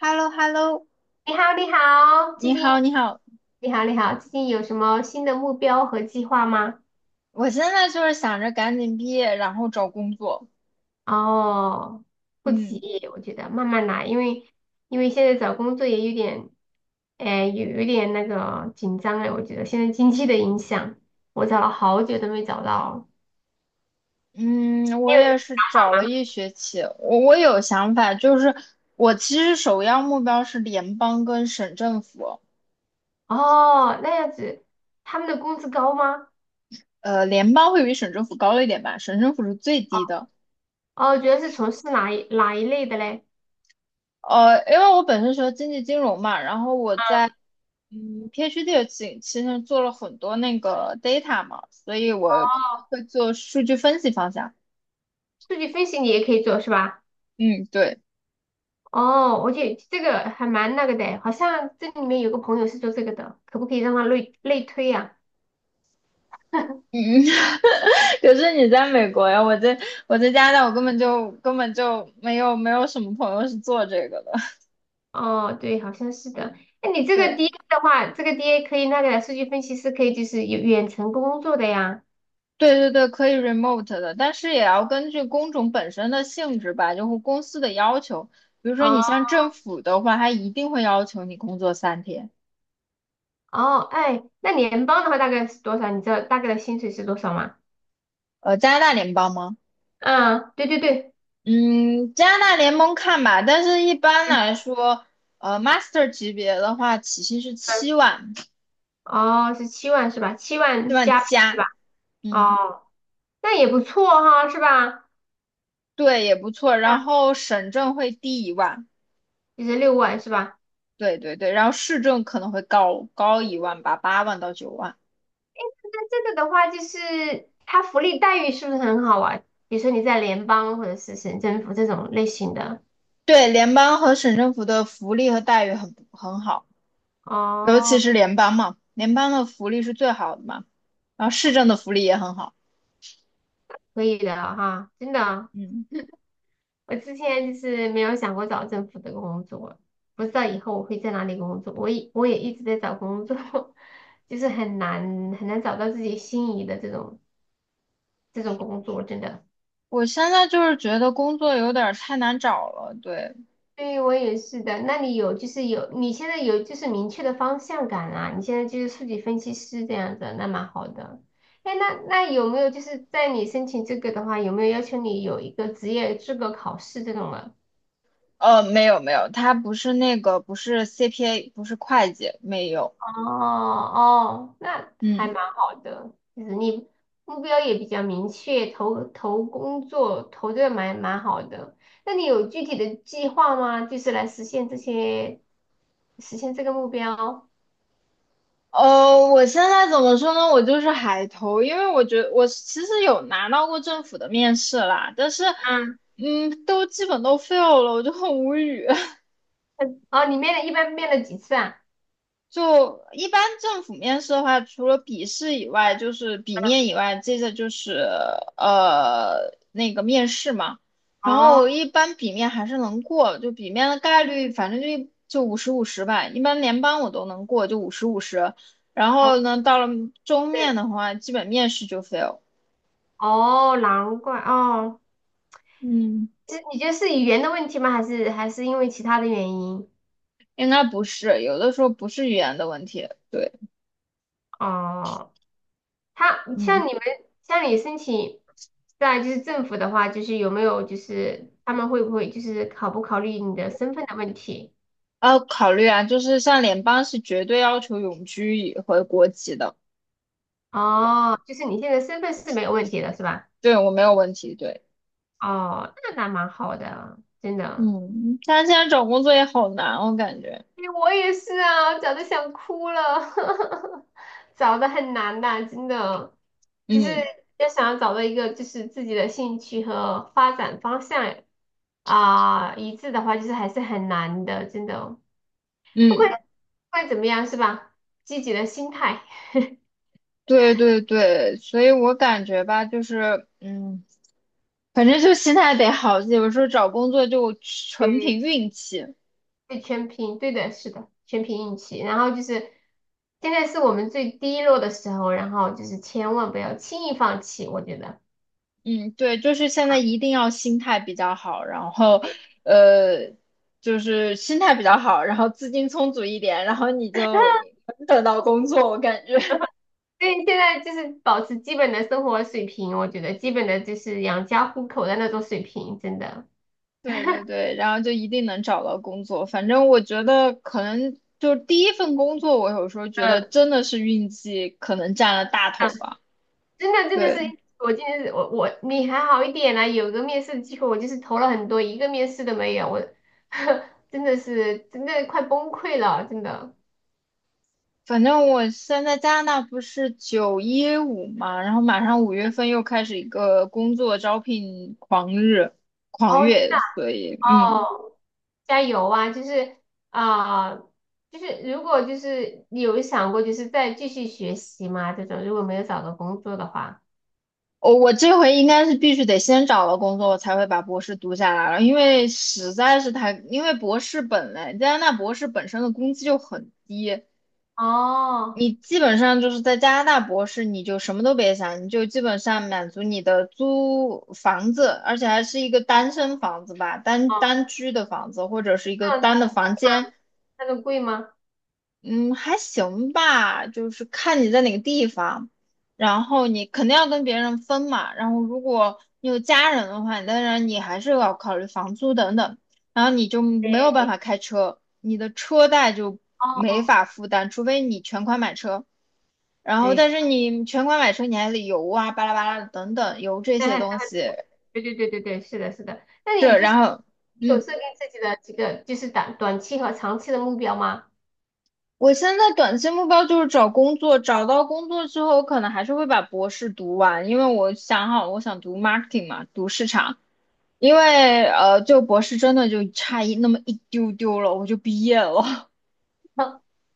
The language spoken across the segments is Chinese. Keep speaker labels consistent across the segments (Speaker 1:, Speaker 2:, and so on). Speaker 1: h e l l o h e l l o
Speaker 2: 你好，你好，最
Speaker 1: 你
Speaker 2: 近
Speaker 1: 好，你好，
Speaker 2: 你好，你好，最近有什么新的目标和计划吗？
Speaker 1: 我现在就是想着赶紧毕业，然后找工作。
Speaker 2: 哦，不急，
Speaker 1: 嗯
Speaker 2: 我觉得慢慢来，因为现在找工作也有点，哎，有点那个紧张哎，我觉得现在经济的影响，我找了好久都没找到。
Speaker 1: 嗯，
Speaker 2: 你
Speaker 1: 我
Speaker 2: 有什么
Speaker 1: 也是
Speaker 2: 想
Speaker 1: 找
Speaker 2: 法
Speaker 1: 了
Speaker 2: 吗？
Speaker 1: 一学期，我有想法，就是我其实首要目标是联邦跟省政府，
Speaker 2: 哦，那样子，他们的工资高吗？
Speaker 1: 联邦会比省政府高一点吧，省政府是最低的。
Speaker 2: 哦，主要是从事哪一类的嘞？
Speaker 1: 因为我本身学经济金融嘛，然后我在PhD 的期间做了很多那个 data 嘛，所以
Speaker 2: 哦，
Speaker 1: 我可能会做数据分析方向。
Speaker 2: 数据分析你也可以做是吧？
Speaker 1: 嗯，对。
Speaker 2: 哦，我觉得这个还蛮那个的，好像这里面有个朋友是做这个的，可不可以让他类推呀、
Speaker 1: 嗯，可是你在美国呀，我在加拿大，我根本就没有什么朋友是做这个的。
Speaker 2: 哦，对，好像是的。那你这个
Speaker 1: 对
Speaker 2: DA 的话，这个 DA 可以那个的数据分析师可以就是有远程工作的呀。
Speaker 1: 对对对，可以 remote 的，但是也要根据工种本身的性质吧，就是公司的要求。比如说
Speaker 2: 哦
Speaker 1: 你像政府的话，它一定会要求你工作3天。
Speaker 2: 哦，哎，那联邦的话大概是多少？你知道大概的薪水是多少吗？
Speaker 1: 加拿大联邦吗？
Speaker 2: 嗯，对对对，
Speaker 1: 嗯，加拿大联盟看吧，但是一般
Speaker 2: 嗯
Speaker 1: 来说，master 级别的话，起薪是
Speaker 2: 嗯，
Speaker 1: 7万，
Speaker 2: 哦，是七万是吧？七
Speaker 1: 七
Speaker 2: 万
Speaker 1: 万
Speaker 2: 加对
Speaker 1: 加。
Speaker 2: 吧？
Speaker 1: 嗯。
Speaker 2: 哦，那也不错哈，是吧？
Speaker 1: 对，也不错。然
Speaker 2: 那
Speaker 1: 后省政会低一万，
Speaker 2: 就是六万是吧？
Speaker 1: 对对对，然后市政可能会高一万吧，8万到9万。
Speaker 2: 那这个的话，就是它福利待遇是不是很好啊？比如说你在联邦或者是省政府这种类型的，
Speaker 1: 对，联邦和省政府的福利和待遇很好，尤其
Speaker 2: 哦，
Speaker 1: 是联邦嘛，联邦的福利是最好的嘛，然后市政的福利也很好。
Speaker 2: 可以的哈，真的。
Speaker 1: 嗯，
Speaker 2: 我之前就是没有想过找政府的工作，不知道以后我会在哪里工作。我也一直在找工作，就是很难很难找到自己心仪的这种工作，真的。
Speaker 1: 我现在就是觉得工作有点儿太难找了。对，
Speaker 2: 对，我也是的。那你有就是有，你现在有就是明确的方向感啦、你现在就是数据分析师这样子，那蛮好的。哎，那有没有就是在你申请这个的话，有没有要求你有一个职业资格考试这种的？
Speaker 1: 没有没有，他不是那个，不是 CPA,不是会计，没有。
Speaker 2: 哦哦，那还
Speaker 1: 嗯。
Speaker 2: 蛮好的，就是你目标也比较明确，投工作投的蛮好的。那你有具体的计划吗？就是来实现这些，实现这个目标？
Speaker 1: 我现在怎么说呢？我就是海投，因为我觉得我其实有拿到过政府的面试啦，但是，都基本都 fail 了，我就很无语。
Speaker 2: 哦，你面了一般面了几次啊？
Speaker 1: 就一般政府面试的话，除了笔试以外，就是笔面以外，接着就是那个面试嘛。然
Speaker 2: 哦，
Speaker 1: 后一般笔面还是能过，就笔面的概率反正就五十五十吧。一般联邦我都能过，就五十五十。然
Speaker 2: 好
Speaker 1: 后呢，到了中面
Speaker 2: 是
Speaker 1: 的话，基本面试就 fail。
Speaker 2: 哦，难怪哦。
Speaker 1: 嗯，
Speaker 2: 这你觉得是语言的问题吗？还是因为其他的原因？
Speaker 1: 应该不是，有的时候不是语言的问题，对，
Speaker 2: 哦，他
Speaker 1: 嗯，
Speaker 2: 像你们像你申请在就是政府的话，就是有没有就是他们会不会就是考不考虑你的身份的问题？
Speaker 1: 要考虑啊，就是像联邦是绝对要求永居回国籍的。
Speaker 2: 哦，就是你现在身份是没有问题的是吧？
Speaker 1: 对我没有问题，对，
Speaker 2: 哦，那蛮好的，真的。
Speaker 1: 嗯，但是现在找工作也好难，我感觉，
Speaker 2: 哎我也是啊，找的想哭了，找的很难的，真的，就是
Speaker 1: 嗯
Speaker 2: 要想要找到一个就是自己的兴趣和发展方向啊、一致的话，就是还是很难的，真的。不管
Speaker 1: 嗯，
Speaker 2: 不管怎么样，是吧？积极的心态，
Speaker 1: 对对对，所以我感觉吧，就是反正就心态得好，有时候找工作就纯
Speaker 2: 对，
Speaker 1: 凭运气。
Speaker 2: 对，全凭，对的，是的，全凭运气。然后就是现在是我们最低落的时候，然后就是千万不要轻易放弃，我觉得。
Speaker 1: 嗯，对，就是现在一定要心态比较好，然后呃，就是心态比较好，然后资金充足一点，然后你就能等到工作，我感觉。
Speaker 2: 对，现在就是保持基本的生活水平，我觉得基本的就是养家糊口的那种水平，真的。
Speaker 1: 对对对，然后就一定能找到工作。反正我觉得可能就是第一份工作，我有时候觉得
Speaker 2: 嗯，
Speaker 1: 真的是运气可能占了大头
Speaker 2: 嗯，
Speaker 1: 吧。
Speaker 2: 真的是，
Speaker 1: 对，
Speaker 2: 我今天是我你还好一点啦、有个面试的机会，我就是投了很多，一个面试都没有，我 真的是真的快崩溃了，真的。
Speaker 1: 反正我现在加拿大不是9-1-5嘛，然后马上5月份又开始一个工作招聘狂日狂
Speaker 2: 哦真
Speaker 1: 月，所以
Speaker 2: 哦，加油啊！就是啊、就是如果就是你有想过就是再继续学习吗？这种如果没有找到工作的话，
Speaker 1: 我这回应该是必须得先找到工作，我才会把博士读下来了，因为实在是太，因为博士本来加拿大博士本身的工资就很低。
Speaker 2: 哦
Speaker 1: 你基本上就是在加拿大博士，你就什么都别想，你就基本上满足你的租房子，而且还是一个单身房子吧，单
Speaker 2: 哦，
Speaker 1: 单居的房子，或者是一个
Speaker 2: 这样。子
Speaker 1: 单的房间，
Speaker 2: 那个贵吗？
Speaker 1: 嗯，还行吧，就是看你在哪个地方，然后你肯定要跟别人分嘛，然后如果你有家人的话，当然你还是要考虑房租等等，然后你就没有办
Speaker 2: 对，
Speaker 1: 法开车，你的车贷就没
Speaker 2: 哦，
Speaker 1: 法负担，除非你全款买车。然后
Speaker 2: 对，
Speaker 1: 但是你全款买车你还得油啊，巴拉巴拉的等等，油这
Speaker 2: 但
Speaker 1: 些
Speaker 2: 还
Speaker 1: 东西
Speaker 2: 对对对对对，是的，是的。那
Speaker 1: 是，
Speaker 2: 你就是
Speaker 1: 然后
Speaker 2: 有
Speaker 1: 嗯，
Speaker 2: 设定自己的几个就是短期和长期的目标吗？
Speaker 1: 我现在短期目标就是找工作，找到工作之后，我可能还是会把博士读完，因为我想好我想读 marketing 嘛，读市场。因为就博士真的就差一那么一丢丢了，我就毕业了。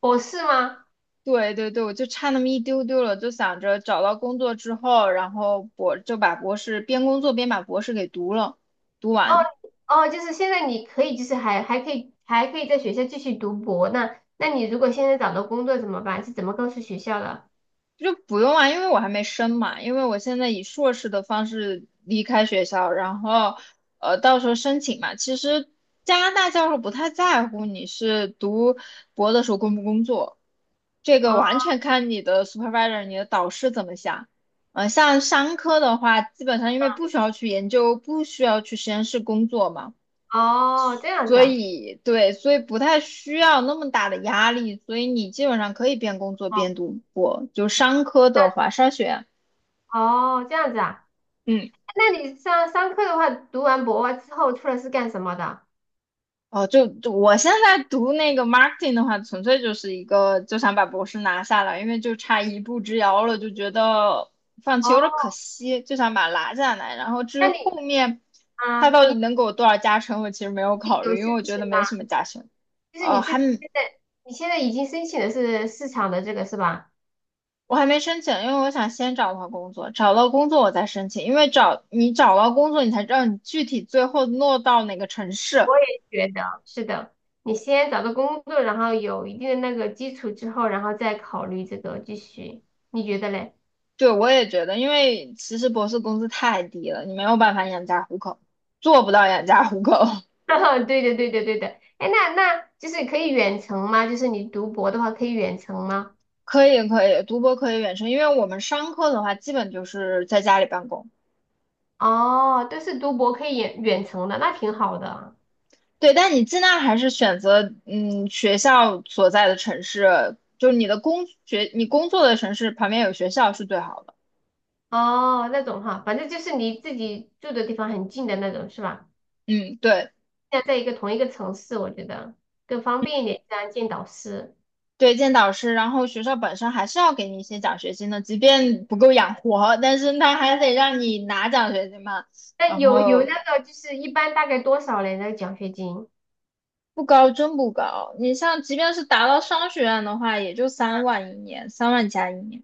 Speaker 2: 博士吗？
Speaker 1: 对对对，我就差那么一丢丢了，就想着找到工作之后，然后就把博士边工作边把博士给读了，读完。
Speaker 2: 哦，就是现在你可以，就是还可以，还可以在学校继续读博。那你如果现在找到工作怎么办？是怎么告诉学校的？
Speaker 1: 就不用啊，因为我还没升嘛，因为我现在以硕士的方式离开学校，然后到时候申请嘛。其实加拿大教授不太在乎你是读博的时候工不工作，这
Speaker 2: 哦
Speaker 1: 个完全看你的 supervisor,你的导师怎么想。像商科的话，基本上因为不需要去研究，不需要去实验室工作嘛，
Speaker 2: 哦，这样子
Speaker 1: 所
Speaker 2: 啊。
Speaker 1: 以对，所以不太需要那么大的压力，所以你基本上可以边工作
Speaker 2: 哦，
Speaker 1: 边读博。就商科的
Speaker 2: 那
Speaker 1: 话，商学院。
Speaker 2: 哦这样子啊。
Speaker 1: 嗯，
Speaker 2: 那你上课的话，读完博之后出来是干什么的？
Speaker 1: 哦，就我现在读那个 marketing 的话，纯粹就是一个就想把博士拿下来，因为就差一步之遥了，就觉得放弃
Speaker 2: 哦，
Speaker 1: 有点可惜，就想把它拿下来。然后至于
Speaker 2: 那你
Speaker 1: 后面
Speaker 2: 啊，
Speaker 1: 他到底
Speaker 2: 你
Speaker 1: 能给我多少加成，我其实没有
Speaker 2: 自己
Speaker 1: 考
Speaker 2: 有
Speaker 1: 虑，因为
Speaker 2: 申
Speaker 1: 我觉
Speaker 2: 请
Speaker 1: 得
Speaker 2: 吗？
Speaker 1: 没什么加成。
Speaker 2: 就是
Speaker 1: 呃，
Speaker 2: 你自
Speaker 1: 还
Speaker 2: 己
Speaker 1: 没
Speaker 2: 现在，你现在已经申请的是市场的这个是吧？
Speaker 1: 我还没申请，因为我想先找到工作，找到工作我再申请，因为你找到工作，你才知道你具体最后落到哪个城市。
Speaker 2: 我也觉得是的。你先找到工作，然后有一定的那个基础之后，然后再考虑这个继续，你觉得嘞？
Speaker 1: 对，我也觉得，因为其实博士工资太低了，你没有办法养家糊口，做不到养家糊口。
Speaker 2: 对的，对的，对的。哎，那就是可以远程吗？就是你读博的话可以远程吗？
Speaker 1: 可以，可以，读博可以远程，因为我们商科的话，基本就是在家里办公。
Speaker 2: 哦，都是读博可以远程的，那挺好的。
Speaker 1: 对，但你尽量还是选择，学校所在的城市，就是你工作的城市旁边有学校是最好的。
Speaker 2: 哦，那种哈，反正就是离自己住的地方很近的那种是吧？
Speaker 1: 嗯，对，
Speaker 2: 现在在一个同一个城市，我觉得更方便一点，这样见导师。
Speaker 1: 对，见导师，然后学校本身还是要给你一些奖学金的，即便不够养活，但是他还得让你拿奖学金嘛。
Speaker 2: 但
Speaker 1: 然
Speaker 2: 有
Speaker 1: 后
Speaker 2: 那个就是一般大概多少嘞？那个奖学金
Speaker 1: 不高，真不高。你像，即便是达到商学院的话，也就三万一年，三万加一年。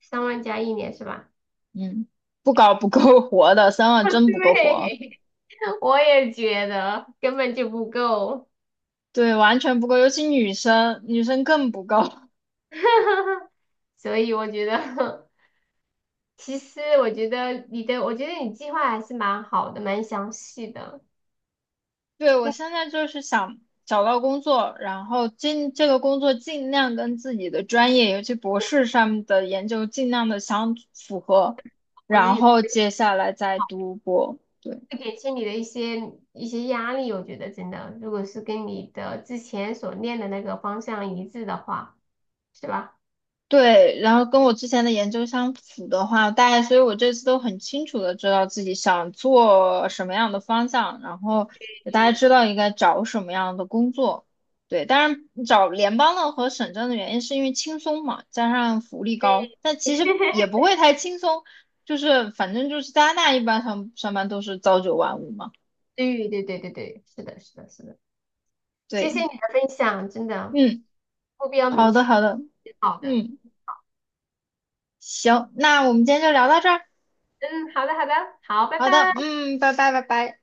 Speaker 2: 三万加一年是吧？
Speaker 1: 嗯，不高不够活的，三 万真不够活。
Speaker 2: 对，我也觉得根本就不够，
Speaker 1: 对，完全不够，尤其女生，女生更不够。
Speaker 2: 所以我觉得，其实我觉得你的，我觉得你计划还是蛮好的，蛮详细的，
Speaker 1: 对，我
Speaker 2: 并
Speaker 1: 现在就是想找到工作，然后尽这个工作尽量跟自己的专业，尤其博
Speaker 2: 且
Speaker 1: 士上面的研究尽量的相符合，
Speaker 2: 我觉得
Speaker 1: 然
Speaker 2: 有
Speaker 1: 后接下来再读博。对。
Speaker 2: 会减轻你的一些压力。我觉得真的，如果是跟你的之前所练的那个方向一致的话。是吧？
Speaker 1: 对，然后跟我之前的研究相符的话，大家，所以我这次都很清楚的知道自己想做什么样的方向，然后也大家
Speaker 2: 对
Speaker 1: 知道应该找什么样的工作。对，当然找联邦的和省政的原因是因为轻松嘛，加上福利
Speaker 2: 对
Speaker 1: 高，但其实 也不会太轻松，就是反正就是加拿大一般上班都是朝九晚五嘛。
Speaker 2: 对对对对对，是的，是的，是的，谢
Speaker 1: 对，
Speaker 2: 谢你的分享，真的
Speaker 1: 嗯，
Speaker 2: 目标明
Speaker 1: 好的
Speaker 2: 确，
Speaker 1: 好的，
Speaker 2: 挺好的。
Speaker 1: 嗯，行，那我们今天就聊到这儿。
Speaker 2: 嗯，好的，好的，好，拜
Speaker 1: 好的，
Speaker 2: 拜。
Speaker 1: 嗯，拜拜拜拜。